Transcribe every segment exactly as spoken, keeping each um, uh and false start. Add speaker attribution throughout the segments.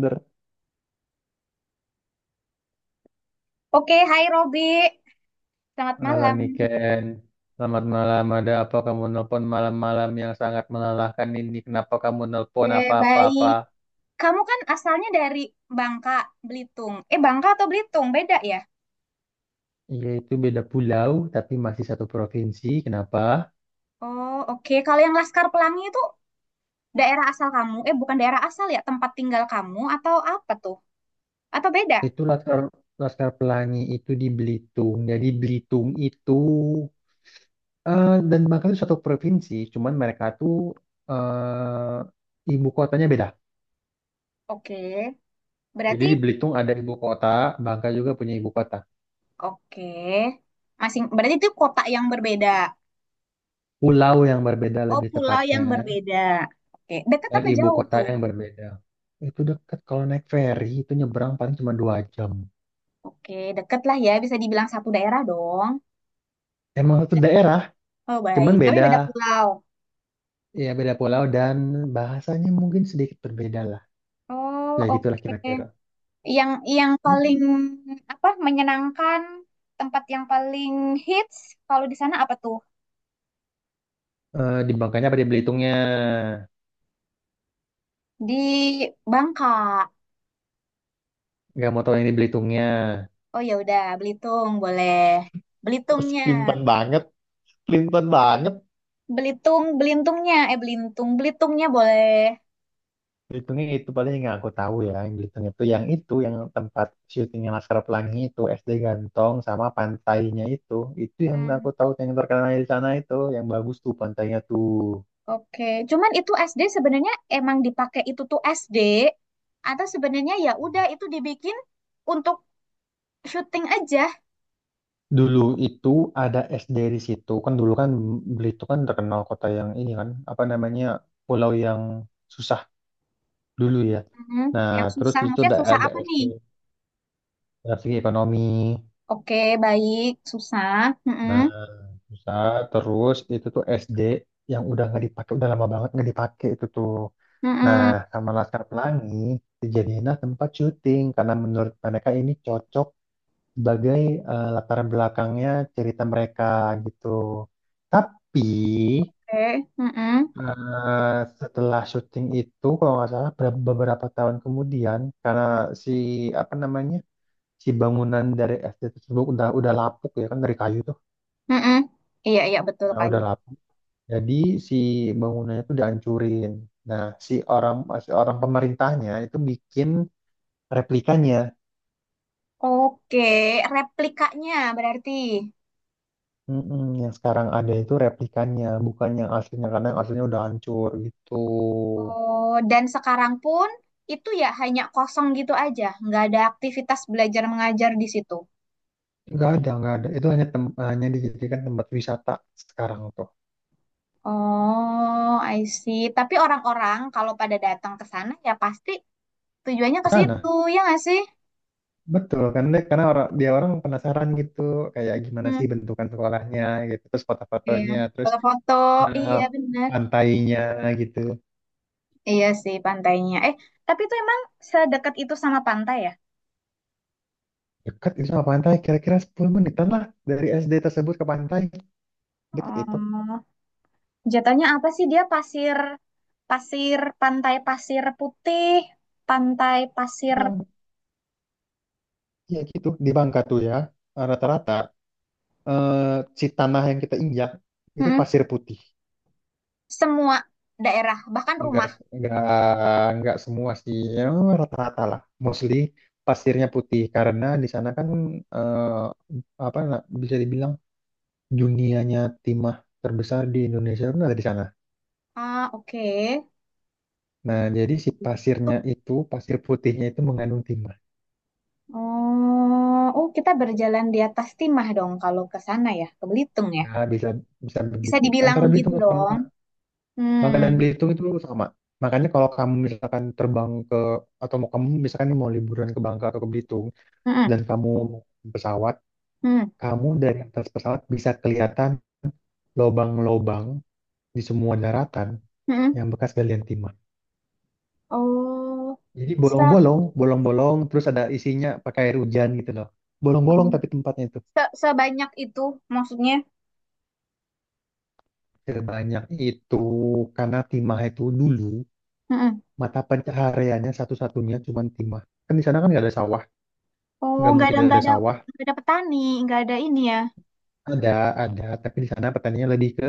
Speaker 1: Ber.
Speaker 2: Oke, hai Robi. Selamat
Speaker 1: Halo
Speaker 2: malam.
Speaker 1: Niken, selamat malam. Ada apa kamu nelpon malam-malam yang sangat melelahkan ini? Kenapa kamu
Speaker 2: Oke,
Speaker 1: nelpon
Speaker 2: baik.
Speaker 1: apa-apa-apa?
Speaker 2: Kamu kan asalnya dari Bangka, Belitung. Eh, Bangka atau Belitung? Beda ya?
Speaker 1: Iya itu beda pulau, tapi masih satu provinsi. Kenapa?
Speaker 2: Oh, oke. Kalau yang Laskar Pelangi itu daerah asal kamu. Eh, bukan daerah asal ya, tempat tinggal kamu atau apa tuh? Atau beda?
Speaker 1: Itu Laskar, Laskar Pelangi itu di Belitung. Jadi Belitung itu eh, dan Bangka itu satu provinsi. Cuman mereka tuh eh ibu kotanya beda.
Speaker 2: Oke.
Speaker 1: Jadi
Speaker 2: Berarti,
Speaker 1: di Belitung ada ibu kota, Bangka juga punya ibu kota.
Speaker 2: oke. Masing, berarti itu kota yang berbeda.
Speaker 1: Pulau yang berbeda
Speaker 2: Oh,
Speaker 1: lebih
Speaker 2: pulau yang
Speaker 1: tepatnya.
Speaker 2: berbeda. Oke. Dekat
Speaker 1: dan
Speaker 2: apa
Speaker 1: ibu
Speaker 2: jauh
Speaker 1: kota
Speaker 2: tuh?
Speaker 1: yang berbeda. Itu deket kalau naik feri itu nyebrang paling cuma dua jam.
Speaker 2: Oke, deket lah ya. Bisa dibilang satu daerah dong.
Speaker 1: Emang satu daerah,
Speaker 2: Oh,
Speaker 1: cuman
Speaker 2: baik. Tapi
Speaker 1: beda
Speaker 2: beda pulau.
Speaker 1: ya beda pulau dan bahasanya mungkin sedikit berbeda lah.
Speaker 2: Oh,
Speaker 1: Ya gitulah kira-kira.
Speaker 2: oke. Yang yang paling apa menyenangkan, tempat yang paling hits kalau di sana apa tuh?
Speaker 1: Eh, di Bangkanya apa di Belitungnya?
Speaker 2: Di Bangka.
Speaker 1: Gak mau tahu yang di Belitungnya.
Speaker 2: Oh ya udah, Belitung boleh.
Speaker 1: Masih
Speaker 2: Belitungnya.
Speaker 1: pelintan banget, pelintan banget.
Speaker 2: Belitung, Belintungnya, eh Belitung, Belitungnya boleh.
Speaker 1: Belitung itu paling yang aku tahu ya, yang Belitung itu yang itu yang tempat syutingnya Laskar Pelangi itu S D Gantong sama pantainya itu. Itu yang
Speaker 2: Hmm,
Speaker 1: aku tahu yang terkenal di sana itu, yang bagus tuh pantainya tuh.
Speaker 2: oke. Cuman itu es de sebenarnya emang dipakai itu tuh es de atau sebenarnya ya udah itu dibikin untuk syuting aja.
Speaker 1: Dulu itu ada S D di situ. Kan dulu kan Belitung kan terkenal kota yang ini kan, apa namanya? Pulau yang susah dulu ya.
Speaker 2: Hmm,
Speaker 1: Nah,
Speaker 2: yang
Speaker 1: terus
Speaker 2: susah
Speaker 1: di situ
Speaker 2: maksudnya
Speaker 1: udah
Speaker 2: susah
Speaker 1: ada
Speaker 2: apa
Speaker 1: S D
Speaker 2: nih?
Speaker 1: dari segi ekonomi.
Speaker 2: Oke, baik, susah.
Speaker 1: Nah,
Speaker 2: Mm-mm.
Speaker 1: susah terus itu tuh S D yang udah nggak dipakai udah lama banget nggak dipakai itu tuh. Nah,
Speaker 2: Mm-mm.
Speaker 1: sama Laskar Pelangi dijadiinlah tempat syuting karena menurut mereka ini cocok sebagai eh, latar belakangnya cerita mereka gitu. Tapi
Speaker 2: Oke, mm-mm.
Speaker 1: eh, setelah syuting itu kalau nggak salah ber- beberapa tahun kemudian karena si apa namanya si bangunan dari S D tersebut udah udah lapuk ya kan dari kayu tuh.
Speaker 2: Mm-mm. Iya, iya, betul,
Speaker 1: Nah,
Speaker 2: kayu.
Speaker 1: udah lapuk. Jadi si bangunannya itu dihancurin. Nah, si orang si orang pemerintahnya itu bikin replikanya.
Speaker 2: Oke, replikanya berarti.
Speaker 1: Mm-mm, yang sekarang ada itu replikannya, bukan yang aslinya karena yang aslinya udah hancur gitu.
Speaker 2: Oh, dan sekarang pun itu ya hanya kosong gitu aja, nggak ada aktivitas belajar mengajar di situ.
Speaker 1: Nggak ada, nggak ada. Itu hanya tem- hanya dijadikan tempat wisata sekarang tuh.
Speaker 2: Oh, I see. Tapi orang-orang kalau pada datang ke sana ya pasti tujuannya
Speaker 1: Di
Speaker 2: ke situ,
Speaker 1: sana,
Speaker 2: ya nggak sih?
Speaker 1: betul kan? Dek? Karena orang dia orang penasaran gitu, kayak gimana
Speaker 2: Hmm,
Speaker 1: sih bentukan sekolahnya gitu, terus
Speaker 2: iya.
Speaker 1: foto-fotonya, terus
Speaker 2: Foto-foto,
Speaker 1: eh,
Speaker 2: iya benar.
Speaker 1: pantainya gitu.
Speaker 2: Iya sih pantainya. Eh, tapi itu emang sedekat itu sama pantai ya?
Speaker 1: Dekat itu sama pantai, kira-kira sepuluh menitan lah dari S D tersebut ke pantai. Dekat itu.
Speaker 2: Oh, jatuhnya apa sih dia pasir, pasir, pantai pasir putih, pantai pasir.
Speaker 1: Emang, ya gitu, di Bangka tuh ya, rata-rata. Eh, si tanah yang kita injak itu
Speaker 2: Mm-mm.
Speaker 1: pasir putih.
Speaker 2: Semua daerah, bahkan
Speaker 1: Enggak,
Speaker 2: rumah.
Speaker 1: enggak, enggak semua sih, ya, rata-rata lah. Mostly pasirnya putih karena di sana kan eh, apa na- bisa dibilang dunianya timah terbesar di Indonesia kan ada di sana.
Speaker 2: Ah, oke.
Speaker 1: Nah, jadi si
Speaker 2: Tuh.
Speaker 1: pasirnya itu, pasir putihnya itu mengandung timah.
Speaker 2: Oh, oh kita berjalan di atas timah dong kalau ke sana ya, ke Belitung ya.
Speaker 1: Ya, bisa bisa
Speaker 2: Bisa
Speaker 1: begitu.
Speaker 2: dibilang
Speaker 1: Antara
Speaker 2: begitu
Speaker 1: Belitung dan
Speaker 2: dong.
Speaker 1: Bangka, Bangka dan
Speaker 2: Hmm,
Speaker 1: Belitung itu sama. Makanya kalau kamu misalkan terbang ke atau mau kamu misalkan mau liburan ke Bangka atau ke Belitung,
Speaker 2: mm-mm.
Speaker 1: dan kamu naik pesawat,
Speaker 2: Hmm.
Speaker 1: kamu dari atas pesawat bisa kelihatan lobang-lobang di semua daratan
Speaker 2: Mm-mm.
Speaker 1: yang bekas galian timah.
Speaker 2: Oh,
Speaker 1: Jadi
Speaker 2: so,
Speaker 1: bolong-bolong, bolong-bolong, terus ada isinya pakai air hujan gitu loh. Bolong-bolong tapi tempatnya itu.
Speaker 2: Se- sebanyak itu maksudnya.
Speaker 1: Sebanyak itu karena timah itu dulu
Speaker 2: Mm-mm.
Speaker 1: mata pencahariannya satu-satunya cuman timah. Kan di sana kan nggak ada sawah,
Speaker 2: Oh,
Speaker 1: nggak
Speaker 2: nggak
Speaker 1: mungkin
Speaker 2: ada nggak
Speaker 1: ada
Speaker 2: ada
Speaker 1: sawah.
Speaker 2: nggak ada petani, nggak ada ini ya.
Speaker 1: Ada, ada, tapi di sana petaninya lebih ke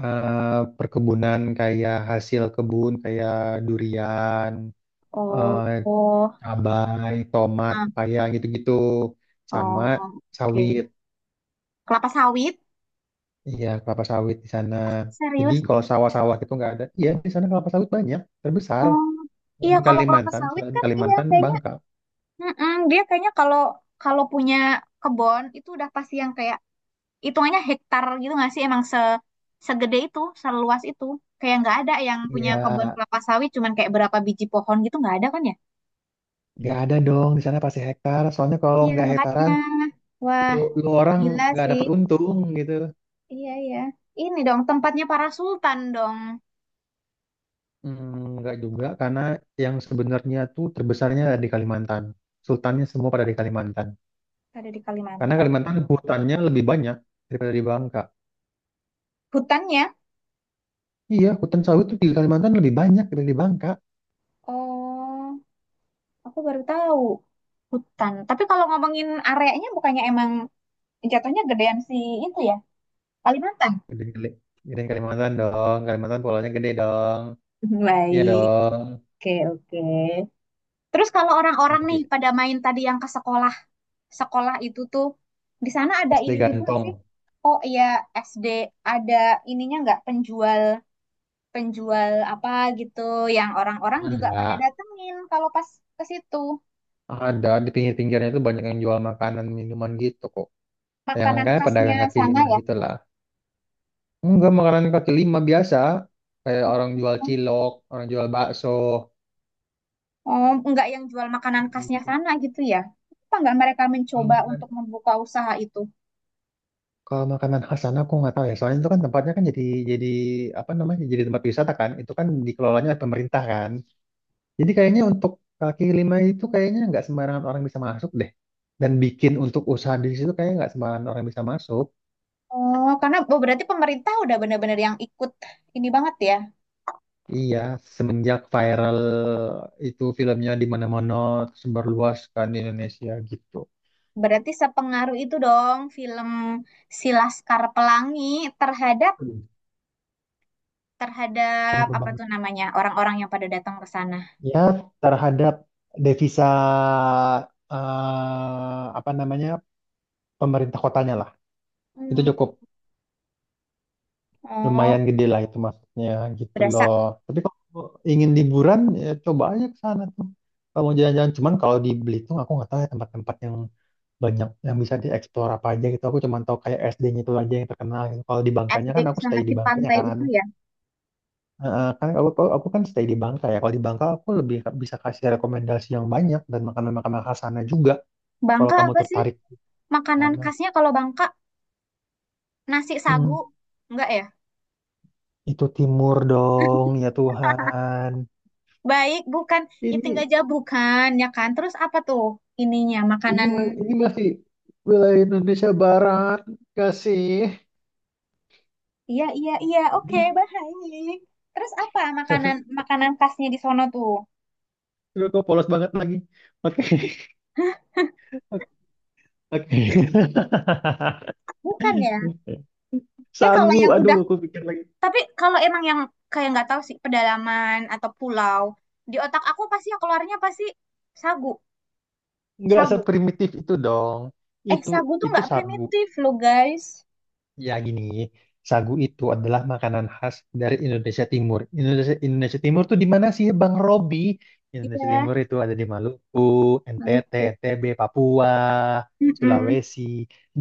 Speaker 1: eh, perkebunan kayak hasil kebun kayak durian,
Speaker 2: Oh,
Speaker 1: eh,
Speaker 2: oh,
Speaker 1: cabai, tomat,
Speaker 2: ah,
Speaker 1: pepaya gitu-gitu sama
Speaker 2: oh, oke.
Speaker 1: sawit.
Speaker 2: Kelapa sawit?
Speaker 1: Iya, kelapa sawit di sana. Jadi
Speaker 2: Serius?
Speaker 1: kalau sawah-sawah itu nggak ada. Iya, di sana kelapa sawit banyak, terbesar.
Speaker 2: Oh, iya,
Speaker 1: Selain
Speaker 2: kalau kelapa
Speaker 1: Kalimantan,
Speaker 2: sawit
Speaker 1: selain
Speaker 2: kan iya
Speaker 1: Kalimantan,
Speaker 2: kayaknya.
Speaker 1: Bangka.
Speaker 2: Mm-mm, dia kayaknya kalau kalau punya kebun itu udah pasti yang kayak hitungannya hektar gitu nggak sih? Emang se segede itu, seluas itu. Kayak nggak ada yang punya
Speaker 1: Iya,
Speaker 2: kebun kelapa sawit cuman kayak berapa biji pohon gitu nggak ada kan ya?
Speaker 1: nggak ada dong di sana pasti hektar. Soalnya kalau
Speaker 2: Iya
Speaker 1: nggak
Speaker 2: makanya.
Speaker 1: hektaran,
Speaker 2: Wah,
Speaker 1: lu, lu orang
Speaker 2: gila
Speaker 1: nggak
Speaker 2: sih.
Speaker 1: dapat untung gitu.
Speaker 2: Iya, iya. Ini dong tempatnya para sultan dong.
Speaker 1: Hmm, nggak juga, karena yang sebenarnya tuh terbesarnya ada di Kalimantan. Sultannya semua pada di Kalimantan.
Speaker 2: Ada di
Speaker 1: Karena
Speaker 2: Kalimantan.
Speaker 1: Kalimantan hutannya lebih banyak daripada di Bangka.
Speaker 2: Hutannya?
Speaker 1: Iya, hutan sawit tuh di Kalimantan lebih banyak daripada di Bangka.
Speaker 2: Oh, aku baru tahu. Hutan. Tapi kalau ngomongin areanya bukannya emang jatuhnya gedean si itu ya? Kalimantan.
Speaker 1: Gede, gede. Gedein Kalimantan dong. Kalimantan pulaunya gede dong. Iya
Speaker 2: Baik.
Speaker 1: dong.
Speaker 2: Oke, oke. Terus kalau orang-orang nih
Speaker 1: Nanti
Speaker 2: pada main tadi yang ke sekolah, sekolah itu tuh di sana ada
Speaker 1: S D
Speaker 2: ininya juga
Speaker 1: Gantong.
Speaker 2: sih. Oh iya, es de ada ininya nggak penjual penjual apa gitu yang orang-orang juga pada
Speaker 1: Ada.
Speaker 2: datengin kalau pas ke situ
Speaker 1: Ada. Di pinggir-pinggirnya itu banyak yang jual makanan, minuman gitu kok. Yang
Speaker 2: makanan
Speaker 1: kayak
Speaker 2: khasnya
Speaker 1: pedagang kaki
Speaker 2: sana
Speaker 1: lima
Speaker 2: ya.
Speaker 1: gitu lah. Enggak, makanan kaki lima biasa. Kayak orang jual cilok, orang jual bakso.
Speaker 2: Oh nggak, yang jual makanan khasnya sana gitu ya, apa nggak mereka
Speaker 1: Kalau
Speaker 2: mencoba
Speaker 1: makan,
Speaker 2: untuk membuka usaha itu?
Speaker 1: kalau makanan khas sana aku nggak tahu ya. Soalnya itu kan tempatnya kan jadi jadi apa namanya jadi tempat wisata kan. Itu kan dikelolanya oleh pemerintah kan. Jadi kayaknya untuk kaki lima itu kayaknya nggak sembarangan orang bisa masuk deh. Dan bikin untuk usaha di situ kayaknya nggak sembarangan orang bisa masuk.
Speaker 2: Oh karena, oh, berarti pemerintah udah bener-bener yang ikut ini banget ya.
Speaker 1: Iya, semenjak viral itu filmnya di mana-mana tersebar luas kan di Indonesia gitu.
Speaker 2: Berarti sepengaruh itu dong film Si Laskar Pelangi terhadap
Speaker 1: Hmm,
Speaker 2: terhadap
Speaker 1: pengaruh
Speaker 2: apa
Speaker 1: banget.
Speaker 2: tuh namanya, orang-orang yang pada datang ke sana.
Speaker 1: Ya, terhadap devisa eh, apa namanya pemerintah kotanya lah. Itu
Speaker 2: Hmm.
Speaker 1: cukup
Speaker 2: Oh
Speaker 1: lumayan gede lah itu maksudnya gitu
Speaker 2: berasa
Speaker 1: loh. Tapi kalau ingin liburan ya coba aja ke sana tuh. Kalau mau jalan-jalan cuman kalau di Belitung aku nggak tahu ya tempat-tempat yang banyak yang bisa dieksplor apa aja gitu. Aku cuman tahu kayak S D-nya itu aja yang terkenal gitu. Kalau di Bangkanya
Speaker 2: ef de
Speaker 1: kan aku
Speaker 2: sama
Speaker 1: stay di
Speaker 2: si
Speaker 1: Bangkanya
Speaker 2: pantai
Speaker 1: kan.
Speaker 2: itu ya.
Speaker 1: Heeh, kan aku, aku aku kan stay di Bangka ya. Kalau di Bangka aku lebih bisa kasih rekomendasi yang banyak dan makanan-makanan khas sana juga kalau
Speaker 2: Bangka
Speaker 1: kamu
Speaker 2: apa sih
Speaker 1: tertarik ke
Speaker 2: makanan
Speaker 1: sana.
Speaker 2: khasnya kalau Bangka? Nasi sagu?
Speaker 1: Hmm,
Speaker 2: Enggak ya?
Speaker 1: itu timur dong ya Tuhan.
Speaker 2: Baik, bukan. Itu
Speaker 1: Ini
Speaker 2: enggak jauh, bukan ya kan? Terus apa tuh ininya
Speaker 1: Ini,
Speaker 2: makanan?
Speaker 1: ma- ini masih wilayah Indonesia Barat, kasih.
Speaker 2: Iya, iya, iya. Oke, baik. Terus apa makanan
Speaker 1: Jadi,
Speaker 2: makanan khasnya di sono tuh?
Speaker 1: gue kok polos banget lagi. Oke, oke.
Speaker 2: Bukan ya? Kayak kalau
Speaker 1: Sagu,
Speaker 2: yang
Speaker 1: aduh,
Speaker 2: udah,
Speaker 1: aku pikir lagi.
Speaker 2: tapi kalau emang yang kayak nggak tahu sih pedalaman atau pulau, di otak aku pasti yang keluarnya pasti sagu,
Speaker 1: Nggak
Speaker 2: sagu.
Speaker 1: seprimitif itu dong.
Speaker 2: Eh,
Speaker 1: Itu,
Speaker 2: sagu tuh
Speaker 1: itu
Speaker 2: nggak
Speaker 1: sagu.
Speaker 2: primitif loh guys.
Speaker 1: Ya gini, sagu itu adalah makanan khas dari Indonesia Timur. Indonesia, Indonesia Timur tuh di mana sih Bang Robi? Indonesia
Speaker 2: Iya.
Speaker 1: Timur itu ada di Maluku, N T T,
Speaker 2: Maluku.
Speaker 1: N T B, Papua,
Speaker 2: Mm-mm.
Speaker 1: Sulawesi,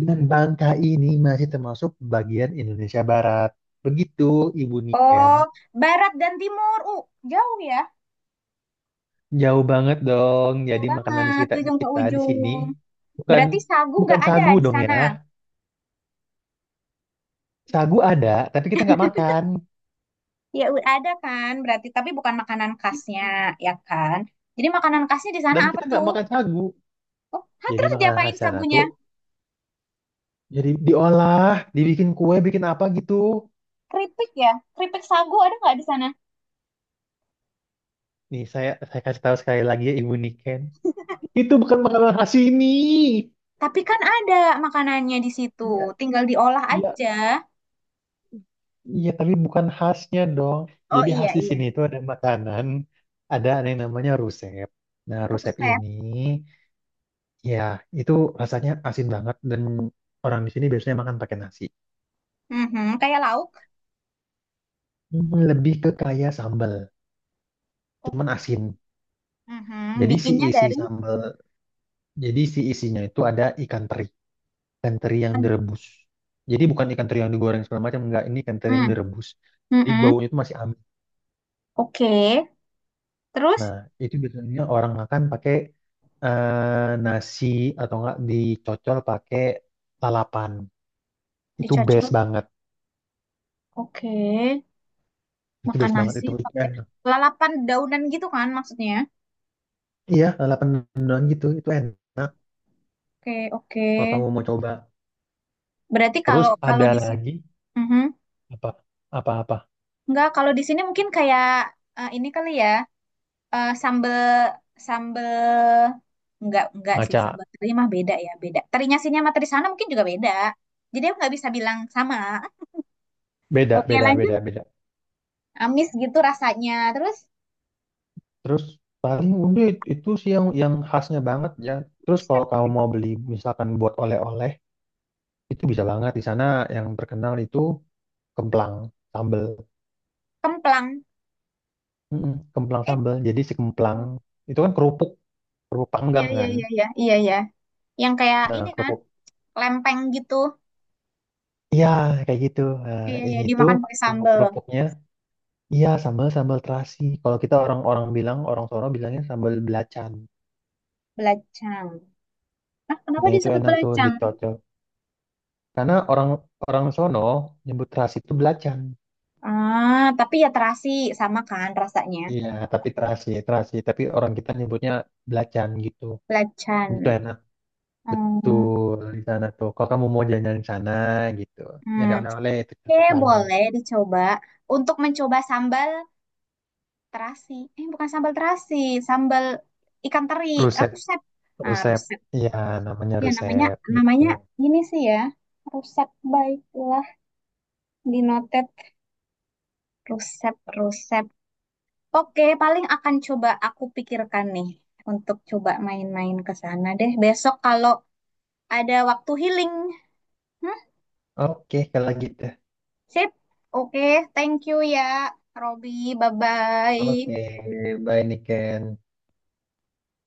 Speaker 1: dan Bangka ini masih termasuk bagian Indonesia Barat. Begitu, Ibu Niken.
Speaker 2: Oh, barat dan timur. Uh, jauh ya.
Speaker 1: Jauh banget dong.
Speaker 2: Jauh
Speaker 1: Jadi makanan di
Speaker 2: banget,
Speaker 1: kita, di
Speaker 2: ujung ke
Speaker 1: kita di
Speaker 2: ujung.
Speaker 1: sini bukan
Speaker 2: Berarti sagu
Speaker 1: bukan
Speaker 2: nggak ada
Speaker 1: sagu
Speaker 2: di
Speaker 1: dong ya.
Speaker 2: sana.
Speaker 1: Sagu ada, tapi kita nggak makan.
Speaker 2: Ya, u- ada kan. Berarti, tapi bukan makanan khasnya, ya kan? Jadi makanan khasnya di sana
Speaker 1: Dan
Speaker 2: apa
Speaker 1: kita nggak
Speaker 2: tuh?
Speaker 1: makan sagu.
Speaker 2: Oh, hah,
Speaker 1: Jadi
Speaker 2: terus
Speaker 1: makanan
Speaker 2: diapain
Speaker 1: khas sana
Speaker 2: sagunya?
Speaker 1: tuh. Jadi diolah, dibikin kue, bikin apa gitu.
Speaker 2: Keripik ya? Keripik sagu ada nggak di sana?
Speaker 1: Nih saya saya kasih tahu sekali lagi ya Ibu Niken. Itu bukan makanan khas sini.
Speaker 2: Tapi kan ada makanannya di situ.
Speaker 1: Iya,
Speaker 2: Tinggal diolah
Speaker 1: iya,
Speaker 2: aja.
Speaker 1: iya, tapi bukan khasnya dong.
Speaker 2: Oh
Speaker 1: Jadi
Speaker 2: iya,
Speaker 1: khas di
Speaker 2: iya.
Speaker 1: sini itu ada makanan, ada yang namanya rusep. Nah, rusep ini
Speaker 2: Ruset.
Speaker 1: ya itu rasanya asin banget dan orang di sini biasanya makan pakai nasi.
Speaker 2: Mhm, kayak lauk.
Speaker 1: Hmm, lebih ke kaya sambal,
Speaker 2: Oh,
Speaker 1: cuman asin.
Speaker 2: mhm,
Speaker 1: Jadi si
Speaker 2: bikinnya
Speaker 1: isi
Speaker 2: dari.
Speaker 1: sambal, jadi si isinya itu ada ikan teri. Ikan teri yang direbus. Jadi bukan ikan teri yang digoreng segala macam, enggak. Ini ikan teri yang
Speaker 2: Mm.
Speaker 1: direbus. Jadi
Speaker 2: Mm-mm.
Speaker 1: baunya itu masih amis.
Speaker 2: Oke, terus
Speaker 1: Nah, itu biasanya orang makan pakai eh, nasi atau enggak dicocol pakai lalapan. Itu best
Speaker 2: dicocol.
Speaker 1: banget.
Speaker 2: Oke,
Speaker 1: Itu
Speaker 2: makan
Speaker 1: best banget
Speaker 2: nasi
Speaker 1: itu. Itu
Speaker 2: pakai
Speaker 1: enak.
Speaker 2: lalapan daunan gitu kan maksudnya.
Speaker 1: Iya, lalapan mendoan gitu. Itu enak
Speaker 2: Oke, oke.
Speaker 1: kalau kamu mau coba.
Speaker 2: Berarti
Speaker 1: Terus
Speaker 2: kalau kalau
Speaker 1: ada
Speaker 2: di sini,
Speaker 1: lagi apa? Apa-apa?
Speaker 2: enggak, kalau di sini mungkin kayak, eh, ini kali ya, eh, sambel sambel enggak enggak sih,
Speaker 1: Maca.
Speaker 2: sambal teri mah beda ya, beda. Terinya sini sama teri sana mungkin juga beda. Jadi aku nggak bisa bilang sama.
Speaker 1: Beda,
Speaker 2: Oke,
Speaker 1: beda,
Speaker 2: lanjut.
Speaker 1: beda, beda.
Speaker 2: Amis gitu rasanya. Terus,
Speaker 1: Terus paling udah it- itu sih yang yang khasnya banget ya. Terus
Speaker 2: terus
Speaker 1: kalau kamu mau beli misalkan buat oleh-oleh itu bisa banget di sana yang terkenal itu kemplang sambel.
Speaker 2: kemplang.
Speaker 1: Mm-mm, kemplang
Speaker 2: Eh,
Speaker 1: sambel. Jadi si kemplang itu kan kerupuk kerupuk
Speaker 2: iya
Speaker 1: panggang
Speaker 2: iya
Speaker 1: kan.
Speaker 2: iya iya iya iya. Yang kayak ini
Speaker 1: Nah,
Speaker 2: kan,
Speaker 1: kerupuk.
Speaker 2: lempeng gitu.
Speaker 1: Iya kayak gitu. Nah,
Speaker 2: Iya, iya,
Speaker 1: ini tuh
Speaker 2: dimakan pakai
Speaker 1: kalau
Speaker 2: sambal.
Speaker 1: kerupuknya iya sambal sambal terasi. Kalau kita orang-orang bilang orang sono bilangnya sambal belacan.
Speaker 2: Belacang. Nah, kenapa
Speaker 1: Nah itu
Speaker 2: disebut
Speaker 1: enak tuh
Speaker 2: belacang?
Speaker 1: dicocol. Karena orang orang sono nyebut terasi itu belacan.
Speaker 2: Ah, tapi ya terasi sama kan rasanya.
Speaker 1: Iya, tapi terasi, terasi. Tapi orang kita nyebutnya belacan gitu. Itu
Speaker 2: Belacan.
Speaker 1: enak.
Speaker 2: Oh,
Speaker 1: Betul di sana tuh. Kalau kamu mau jalan-jalan di sana gitu,
Speaker 2: hmm.
Speaker 1: nyari oleh-oleh itu
Speaker 2: Oke,
Speaker 1: cocok banget.
Speaker 2: boleh dicoba. Untuk mencoba sambal terasi. Eh, bukan sambal terasi, sambal ikan teri. Eh,
Speaker 1: Rusep,
Speaker 2: ruset. Ah,
Speaker 1: rusep.
Speaker 2: ruset.
Speaker 1: Iya, namanya
Speaker 2: Ya, namanya
Speaker 1: rusep gitu.
Speaker 2: namanya ini sih ya. Ruset baiklah, dinotet. Ruset, ruset. Oke, paling akan coba aku pikirkan nih untuk coba main-main ke sana deh. Besok kalau ada waktu healing. Hmm,
Speaker 1: Oke, kalau gitu.
Speaker 2: sip. Oke, thank you ya, Robby. Bye-bye.
Speaker 1: Oke, bye Niken.